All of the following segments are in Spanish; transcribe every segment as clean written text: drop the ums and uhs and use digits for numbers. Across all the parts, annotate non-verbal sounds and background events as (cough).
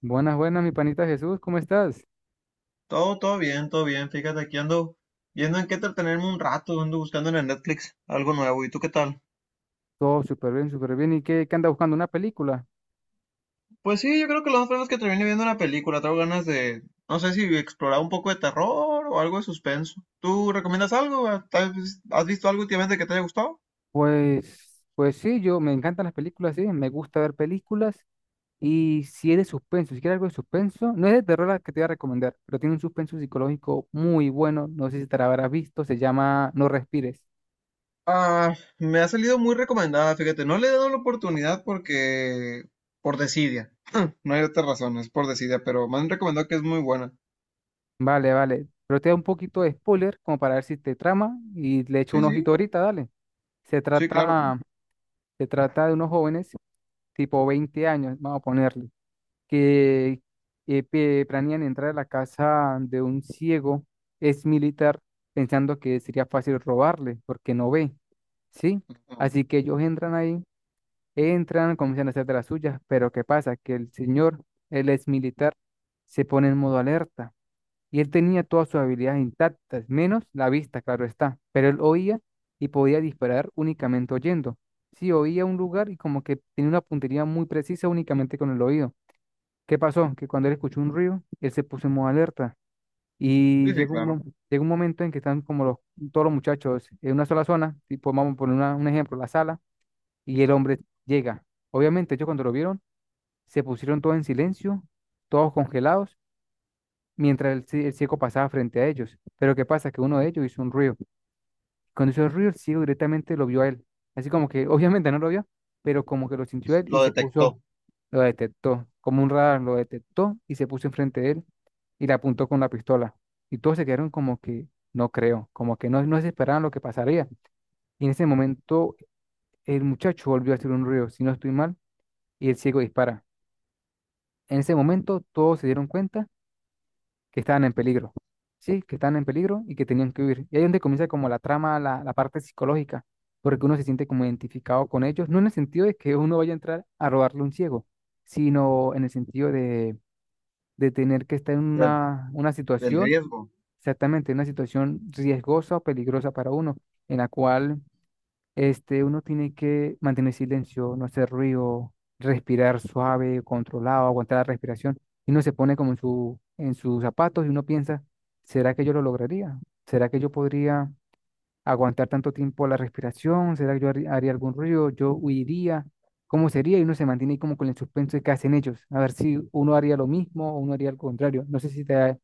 Buenas, buenas, mi panita Jesús, ¿cómo estás? Todo, todo bien, todo bien. Fíjate, aquí ando viendo en qué entretenerme un rato, ando buscando en el Netflix algo nuevo. ¿Y tú qué tal? Todo súper bien, súper bien. ¿Y qué anda buscando? ¿Una película? Pues sí, yo creo que lo más probable es que termine viendo una película. Tengo ganas de, no sé si explorar un poco de terror o algo de suspenso. ¿Tú recomiendas algo? ¿Tal vez ¿Has visto algo últimamente que te haya gustado? Pues sí, yo me encantan las películas, sí, me gusta ver películas. Y si es de suspenso, si quieres algo de suspenso, no es de terror la que te voy a recomendar, pero tiene un suspenso psicológico muy bueno, no sé si te la habrás visto, se llama No Respires. Ah, me ha salido muy recomendada, fíjate. No le he dado la oportunidad porque, por desidia. No hay otra razón, es por desidia, pero me han recomendado que es muy buena. Vale, vale, pero te da un poquito de spoiler como para ver si te trama y le echo Sí, un ojito sí, ahorita, dale. Se sí, claro. trata, se trata de unos jóvenes, tipo 20 años, vamos a ponerle que planean entrar a la casa de un ciego, es militar, pensando que sería fácil robarle porque no ve, ¿sí? Así que ellos entran ahí, entran, comienzan a hacer de las suyas, pero ¿qué pasa? Que el señor, él es militar, se pone en modo alerta y él tenía todas sus habilidades intactas, menos la vista, claro está, pero él oía y podía disparar únicamente oyendo. Sí, oía un lugar y como que tenía una puntería muy precisa únicamente con el oído. ¿Qué pasó? Que cuando él escuchó un ruido, él se puso en modo alerta. Y Sí, sí, claro. Llega un momento en que están como todos los muchachos en una sola zona, tipo, vamos a poner un ejemplo, la sala, y el hombre llega. Obviamente, ellos cuando lo vieron, se pusieron todos en silencio, todos congelados, mientras el ciego pasaba frente a ellos. Pero ¿qué pasa? Que uno de ellos hizo un ruido. Cuando hizo el ruido, el ciego directamente lo vio a él. Así como que, obviamente no lo vio, pero como que lo sintió él y Lo se puso detectó. lo detectó, como un radar, lo detectó y se puso enfrente de él y le apuntó con la pistola. Y todos se quedaron como que no creo, como que no se esperaban lo que pasaría. Y en ese momento el muchacho volvió a hacer un ruido, si no estoy mal, y el ciego dispara. En ese momento todos se dieron cuenta que estaban en peligro, sí, que estaban en peligro y que tenían que huir. Y ahí es donde comienza como la trama, la parte psicológica, porque uno se siente como identificado con ellos, no en el sentido de que uno vaya a entrar a robarle a un ciego, sino en el sentido de tener que estar en una Del situación, riesgo. exactamente, una situación riesgosa o peligrosa para uno, en la cual uno tiene que mantener silencio, no hacer ruido, respirar suave, controlado, aguantar la respiración, y uno se pone como en sus zapatos y uno piensa, ¿será que yo lo lograría? ¿Será que yo podría aguantar tanto tiempo la respiración? ¿Será que yo haría algún ruido? ¿Yo huiría? ¿Cómo sería? Y uno se mantiene ahí como con el suspenso de qué hacen ellos. A ver si uno haría lo mismo o uno haría lo contrario. No sé si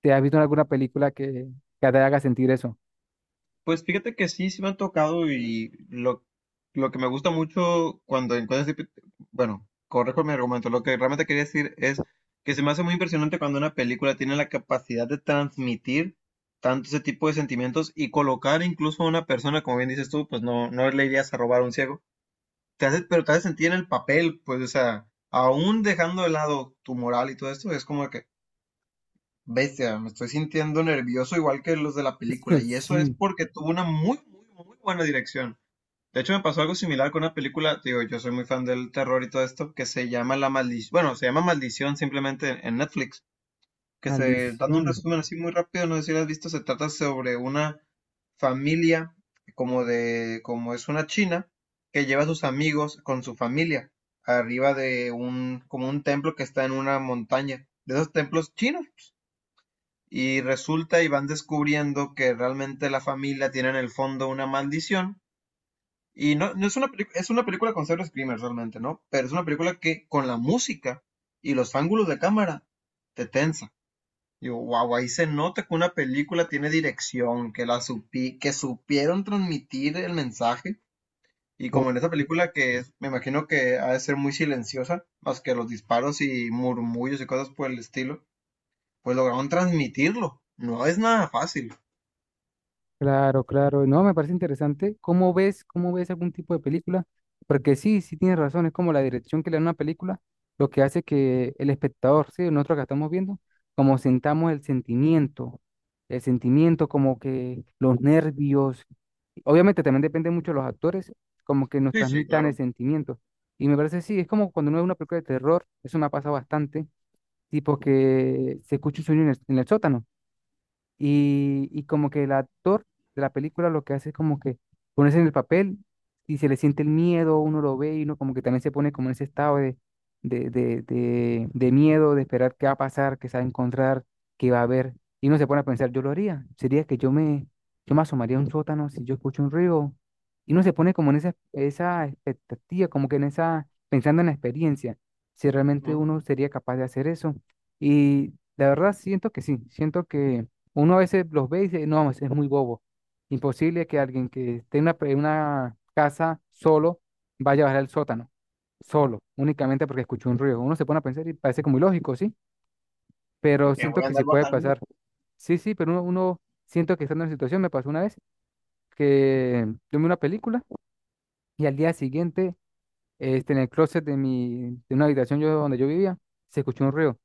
te has visto en alguna película que te haga sentir eso. Pues fíjate que sí, sí me han tocado y lo que me gusta mucho cuando encuentras, bueno, correjo mi argumento, lo que realmente quería decir es que se me hace muy impresionante cuando una película tiene la capacidad de transmitir tanto ese tipo de sentimientos y colocar incluso a una persona, como bien dices tú, pues no, no le irías a robar a un ciego, te hace, pero te hace sentir en el papel, pues, o sea, aún dejando de lado tu moral y todo esto, es como que, bestia, me estoy sintiendo nervioso igual que los de la película, (laughs) y eso es Sí, porque tuvo una muy, muy, muy buena dirección. De hecho, me pasó algo similar con una película, te digo, yo soy muy fan del terror y todo esto, que se llama La Maldición, bueno, se llama Maldición simplemente en Netflix, dando Maldición. un resumen así muy rápido, no sé si lo has visto, se trata sobre una familia, como de, como es una china, que lleva a sus amigos con su familia, arriba de un, como un templo que está en una montaña, de esos templos chinos, y resulta y van descubriendo que realmente la familia tiene en el fondo una maldición. Y no, no es una película con cero screamers realmente, ¿no? Pero es una película que con la música y los ángulos de cámara te tensa. Yo, wow, ahí se nota que una película tiene dirección, que que supieron transmitir el mensaje. Y como en esa película que es, me imagino que ha de ser muy silenciosa, más que los disparos y murmullos y cosas por el estilo, pues lograron transmitirlo. No es nada fácil. Claro, claro. No, me parece interesante. ¿Cómo ves algún tipo de película? Porque sí, sí tienes razón, es como la dirección que le da una película, lo que hace que el espectador, sí, nosotros que estamos viendo, como sentamos el sentimiento, como que los nervios, obviamente también depende mucho de los actores, como que nos Sí, sí, transmitan el claro. sentimiento. Y me parece, sí, es como cuando uno ve una película de terror, eso me ha pasado bastante, tipo que se escucha un sueño en el sótano. Y como que el actor de la película lo que hace es como que ponerse en el papel y se le siente el miedo, uno lo ve y uno como que también se pone como en ese estado de miedo, de esperar qué va a pasar, qué se va a encontrar, qué va a haber. Y uno se pone a pensar, yo lo haría. Sería que yo me asomaría a un sótano si yo escucho un ruido. Y uno se pone como en esa expectativa, como que pensando en la experiencia, si realmente Ujú. uno sería capaz de hacer eso. Y la verdad siento que sí, siento que uno a veces los ve y dice, no, es muy bobo. Imposible que alguien que esté en una casa solo vaya a bajar al sótano, solo, únicamente porque escuchó un ruido. Uno se pone a pensar y parece como ilógico, ¿sí? que Pero que siento voy a que sí andar puede bajando. pasar. Sí, sí, pero uno siento que estando en la situación, me pasó una vez que yo vi una película y al día siguiente, en el closet de una habitación donde yo vivía, se escuchó un ruido.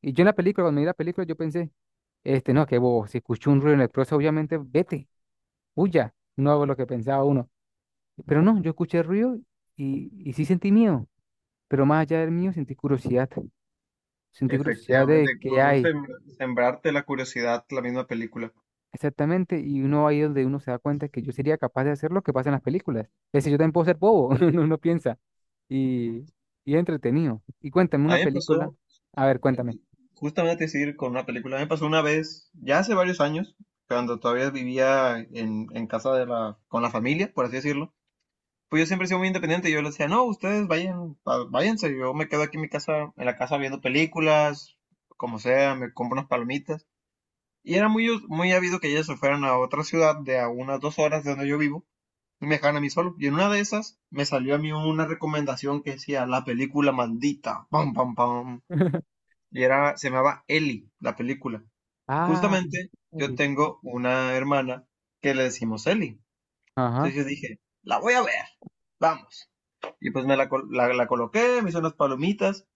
Y yo en la película, cuando vi la película, yo pensé, no, qué bobo, si escuchó un ruido en el closet, obviamente vete huya, no hago lo que pensaba uno. Pero no, yo escuché ruido y sí sentí miedo, pero más allá del mío sentí curiosidad de Efectivamente, qué por hay sembrarte la curiosidad, la misma película. exactamente y uno ahí donde uno se da cuenta que yo sería capaz de hacer lo que pasa en las películas. Es decir, yo también puedo ser bobo, (laughs) uno piensa, Ujú. y, y es entretenido. Y cuéntame A una mí me película, pasó, a ver, cuéntame. eh, justamente decir con una película, a mí me pasó una vez, ya hace varios años, cuando todavía vivía en casa con la familia, por así decirlo. Pues yo siempre he sido muy independiente, yo les decía, no, ustedes vayan, váyanse, yo me quedo aquí en mi casa, en la casa viendo películas, como sea, me compro unas palomitas. Y era muy, muy habido que ellas se fueran a otra ciudad de a unas 2 horas de donde yo vivo y me dejaran a mí solo. Y en una de esas me salió a mí una recomendación que decía la película maldita. Pam, pam, pam. (laughs) Y era, se llamaba Ellie, la película. Ah, Justamente yo Eli. tengo una hermana que le decimos Ellie. Ajá, Entonces yo dije, la voy a ver. Vamos. Y pues me la, col- la coloqué, me hice unas palomitas.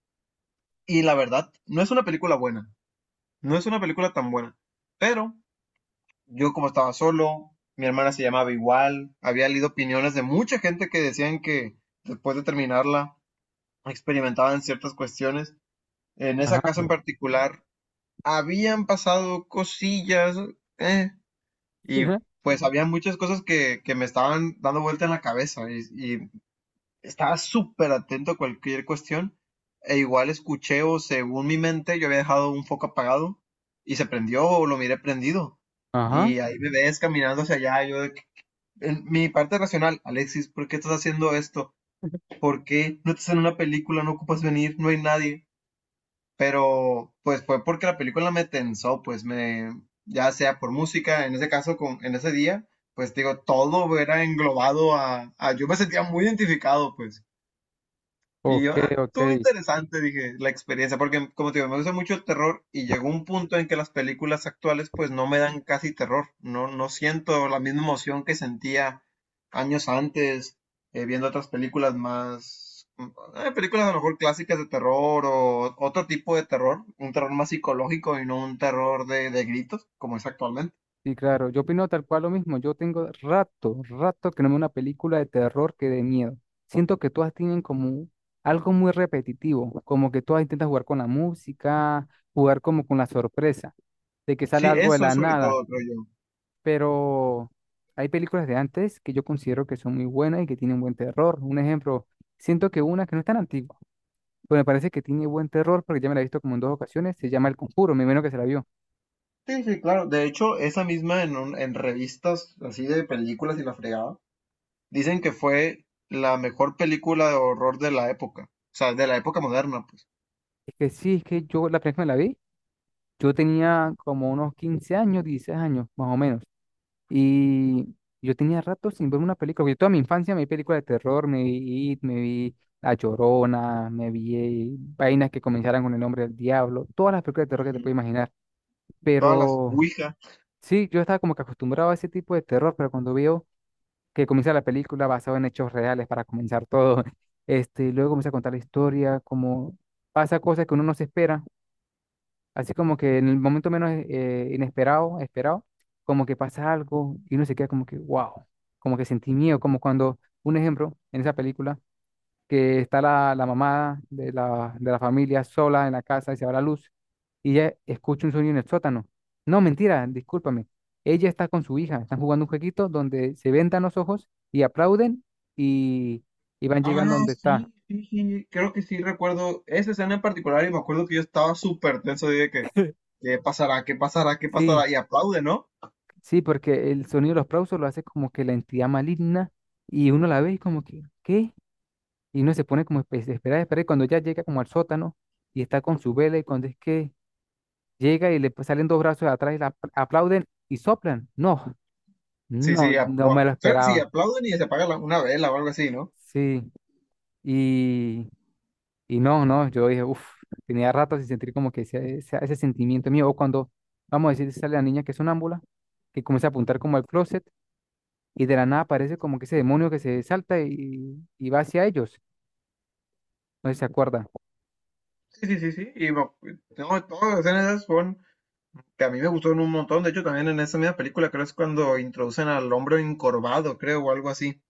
Y la verdad, no es una película buena. No es una película tan buena. Pero yo, como estaba solo, mi hermana se llamaba igual, había leído opiniones de mucha gente que decían que después de terminarla experimentaban ciertas cuestiones. En ajá, esa casa en particular habían pasado cosillas, eh, y ajá, pues había muchas cosas que me estaban dando vuelta en la cabeza, y estaba súper atento a cualquier cuestión. E igual escuché o según mi mente yo había dejado un foco apagado y se prendió o lo miré prendido. (laughs) ajá, Y ahí me ves caminando hacia allá, yo de en mi parte racional, Alexis, ¿por qué estás haciendo esto? ¿Por qué no estás en una película? No ocupas venir, no hay nadie. Pero pues fue porque la película me tensó, pues me, ya sea por música, en ese caso, con, en ese día, pues te digo, todo era englobado a, yo me sentía muy identificado, pues. Y ok, yo, ah, ok. estuvo interesante, dije, la experiencia, porque como te digo, me gusta mucho el terror y llegó un punto en que las películas actuales pues no me dan casi terror, no, no siento la misma emoción que sentía años antes, viendo otras películas más, películas a lo mejor clásicas de terror o otro tipo de terror, un terror más psicológico y no un terror de gritos como es actualmente. Sí, claro, yo opino tal cual lo mismo. Yo tengo rato, rato que no veo una película de terror que de miedo. Siento que todas tienen como algo muy repetitivo, como que todas intentan jugar con la música, jugar como con la sorpresa, de que sale Sí, algo de eso la sobre nada. todo, creo yo. Pero hay películas de antes que yo considero que son muy buenas y que tienen buen terror. Un ejemplo, siento que una que no es tan antigua, pero me parece que tiene buen terror porque ya me la he visto como en dos ocasiones, se llama El Conjuro, me menos que se la vio. Sí, sí, claro. De hecho, esa misma en revistas así de películas y la fregada. Dicen que fue la mejor película de horror de la época, o sea, de la época moderna, pues. Es que sí, es que yo la primera vez que me la vi. Yo tenía como unos 15 años, 16 años, más o menos. Y yo tenía rato sin ver una película, porque toda mi infancia me vi películas de terror, me vi It, me vi La Llorona, me vi vainas que comenzaran con el nombre del diablo, todas las películas de terror que te puedes Ujú. imaginar. Todas las Pero Ouija. sí, yo estaba como que acostumbrado a ese tipo de terror, pero cuando veo que comienza la película basada en hechos reales para comenzar todo, (laughs) luego comienza a contar la historia, como pasa cosas que uno no se espera. Así como que en el momento menos inesperado, esperado, como que pasa algo y uno se queda como que, wow, como que sentí miedo, como cuando, un ejemplo, en esa película, que está la mamá de la familia sola en la casa y se va la luz y ella escucha un sonido en el sótano. No, mentira, discúlpame. Ella está con su hija, están jugando un jueguito donde se vendan los ojos y aplauden y, y van llegando Ah, donde está. sí, sí, sí, creo que sí recuerdo esa escena en particular y me acuerdo que yo estaba súper tenso y de que, ¿qué pasará? ¿Qué pasará? ¿Qué Sí, pasará? Y aplaude, ¿no? sí, porque el sonido de los aplausos lo hace como que la entidad maligna y uno la ve y como que, ¿qué? Y uno se pone como a esperar, y cuando ya llega como al sótano y está con su vela y cuando es que llega y le pues, salen dos brazos de atrás y la aplauden y soplan. No, Sí, sí, no, no me lo creo que sí, esperaba. aplauden y se apaga una vela o algo así, ¿no? Sí, y, y no, no, yo dije, uff, tenía rato sin sentir como que ese sentimiento mío o cuando, vamos a decir, sale la niña que es sonámbula, que comienza a apuntar como al closet y de la nada aparece como que ese demonio que se salta y va hacia ellos. No sé si se acuerda. Sí, sí, sí, sí, y me no, todas las escenas esas fueron que a mí me gustaron un montón. De hecho, también en esa misma película creo es cuando introducen al hombre encorvado, creo, o algo así.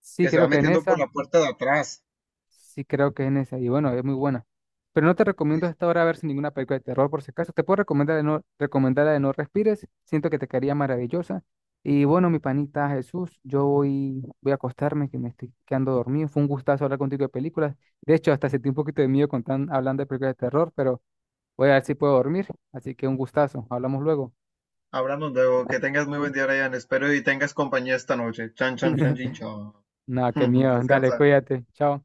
Sí, Que se va creo que en metiendo por esa, la puerta de atrás. sí creo que en esa, y bueno, es muy buena. Pero no te recomiendo hasta ahora ver sin ninguna película de terror, por si acaso. Te puedo recomendar de no, recomendar la de No Respires, siento que te quedaría maravillosa. Y bueno, mi panita Jesús, yo voy, a acostarme, que me estoy quedando dormido. Fue un gustazo hablar contigo de películas. De hecho, hasta sentí un poquito de miedo con hablando de películas de terror, pero voy a ver si puedo dormir. Así que un gustazo, hablamos luego. Hablamos luego, que tengas muy buen día, Ryan. Espero y tengas compañía esta noche. Chan, chan, chan, chin, chan. (laughs) No, qué (laughs) miedo. Dale, Descansa. cuídate. Chao.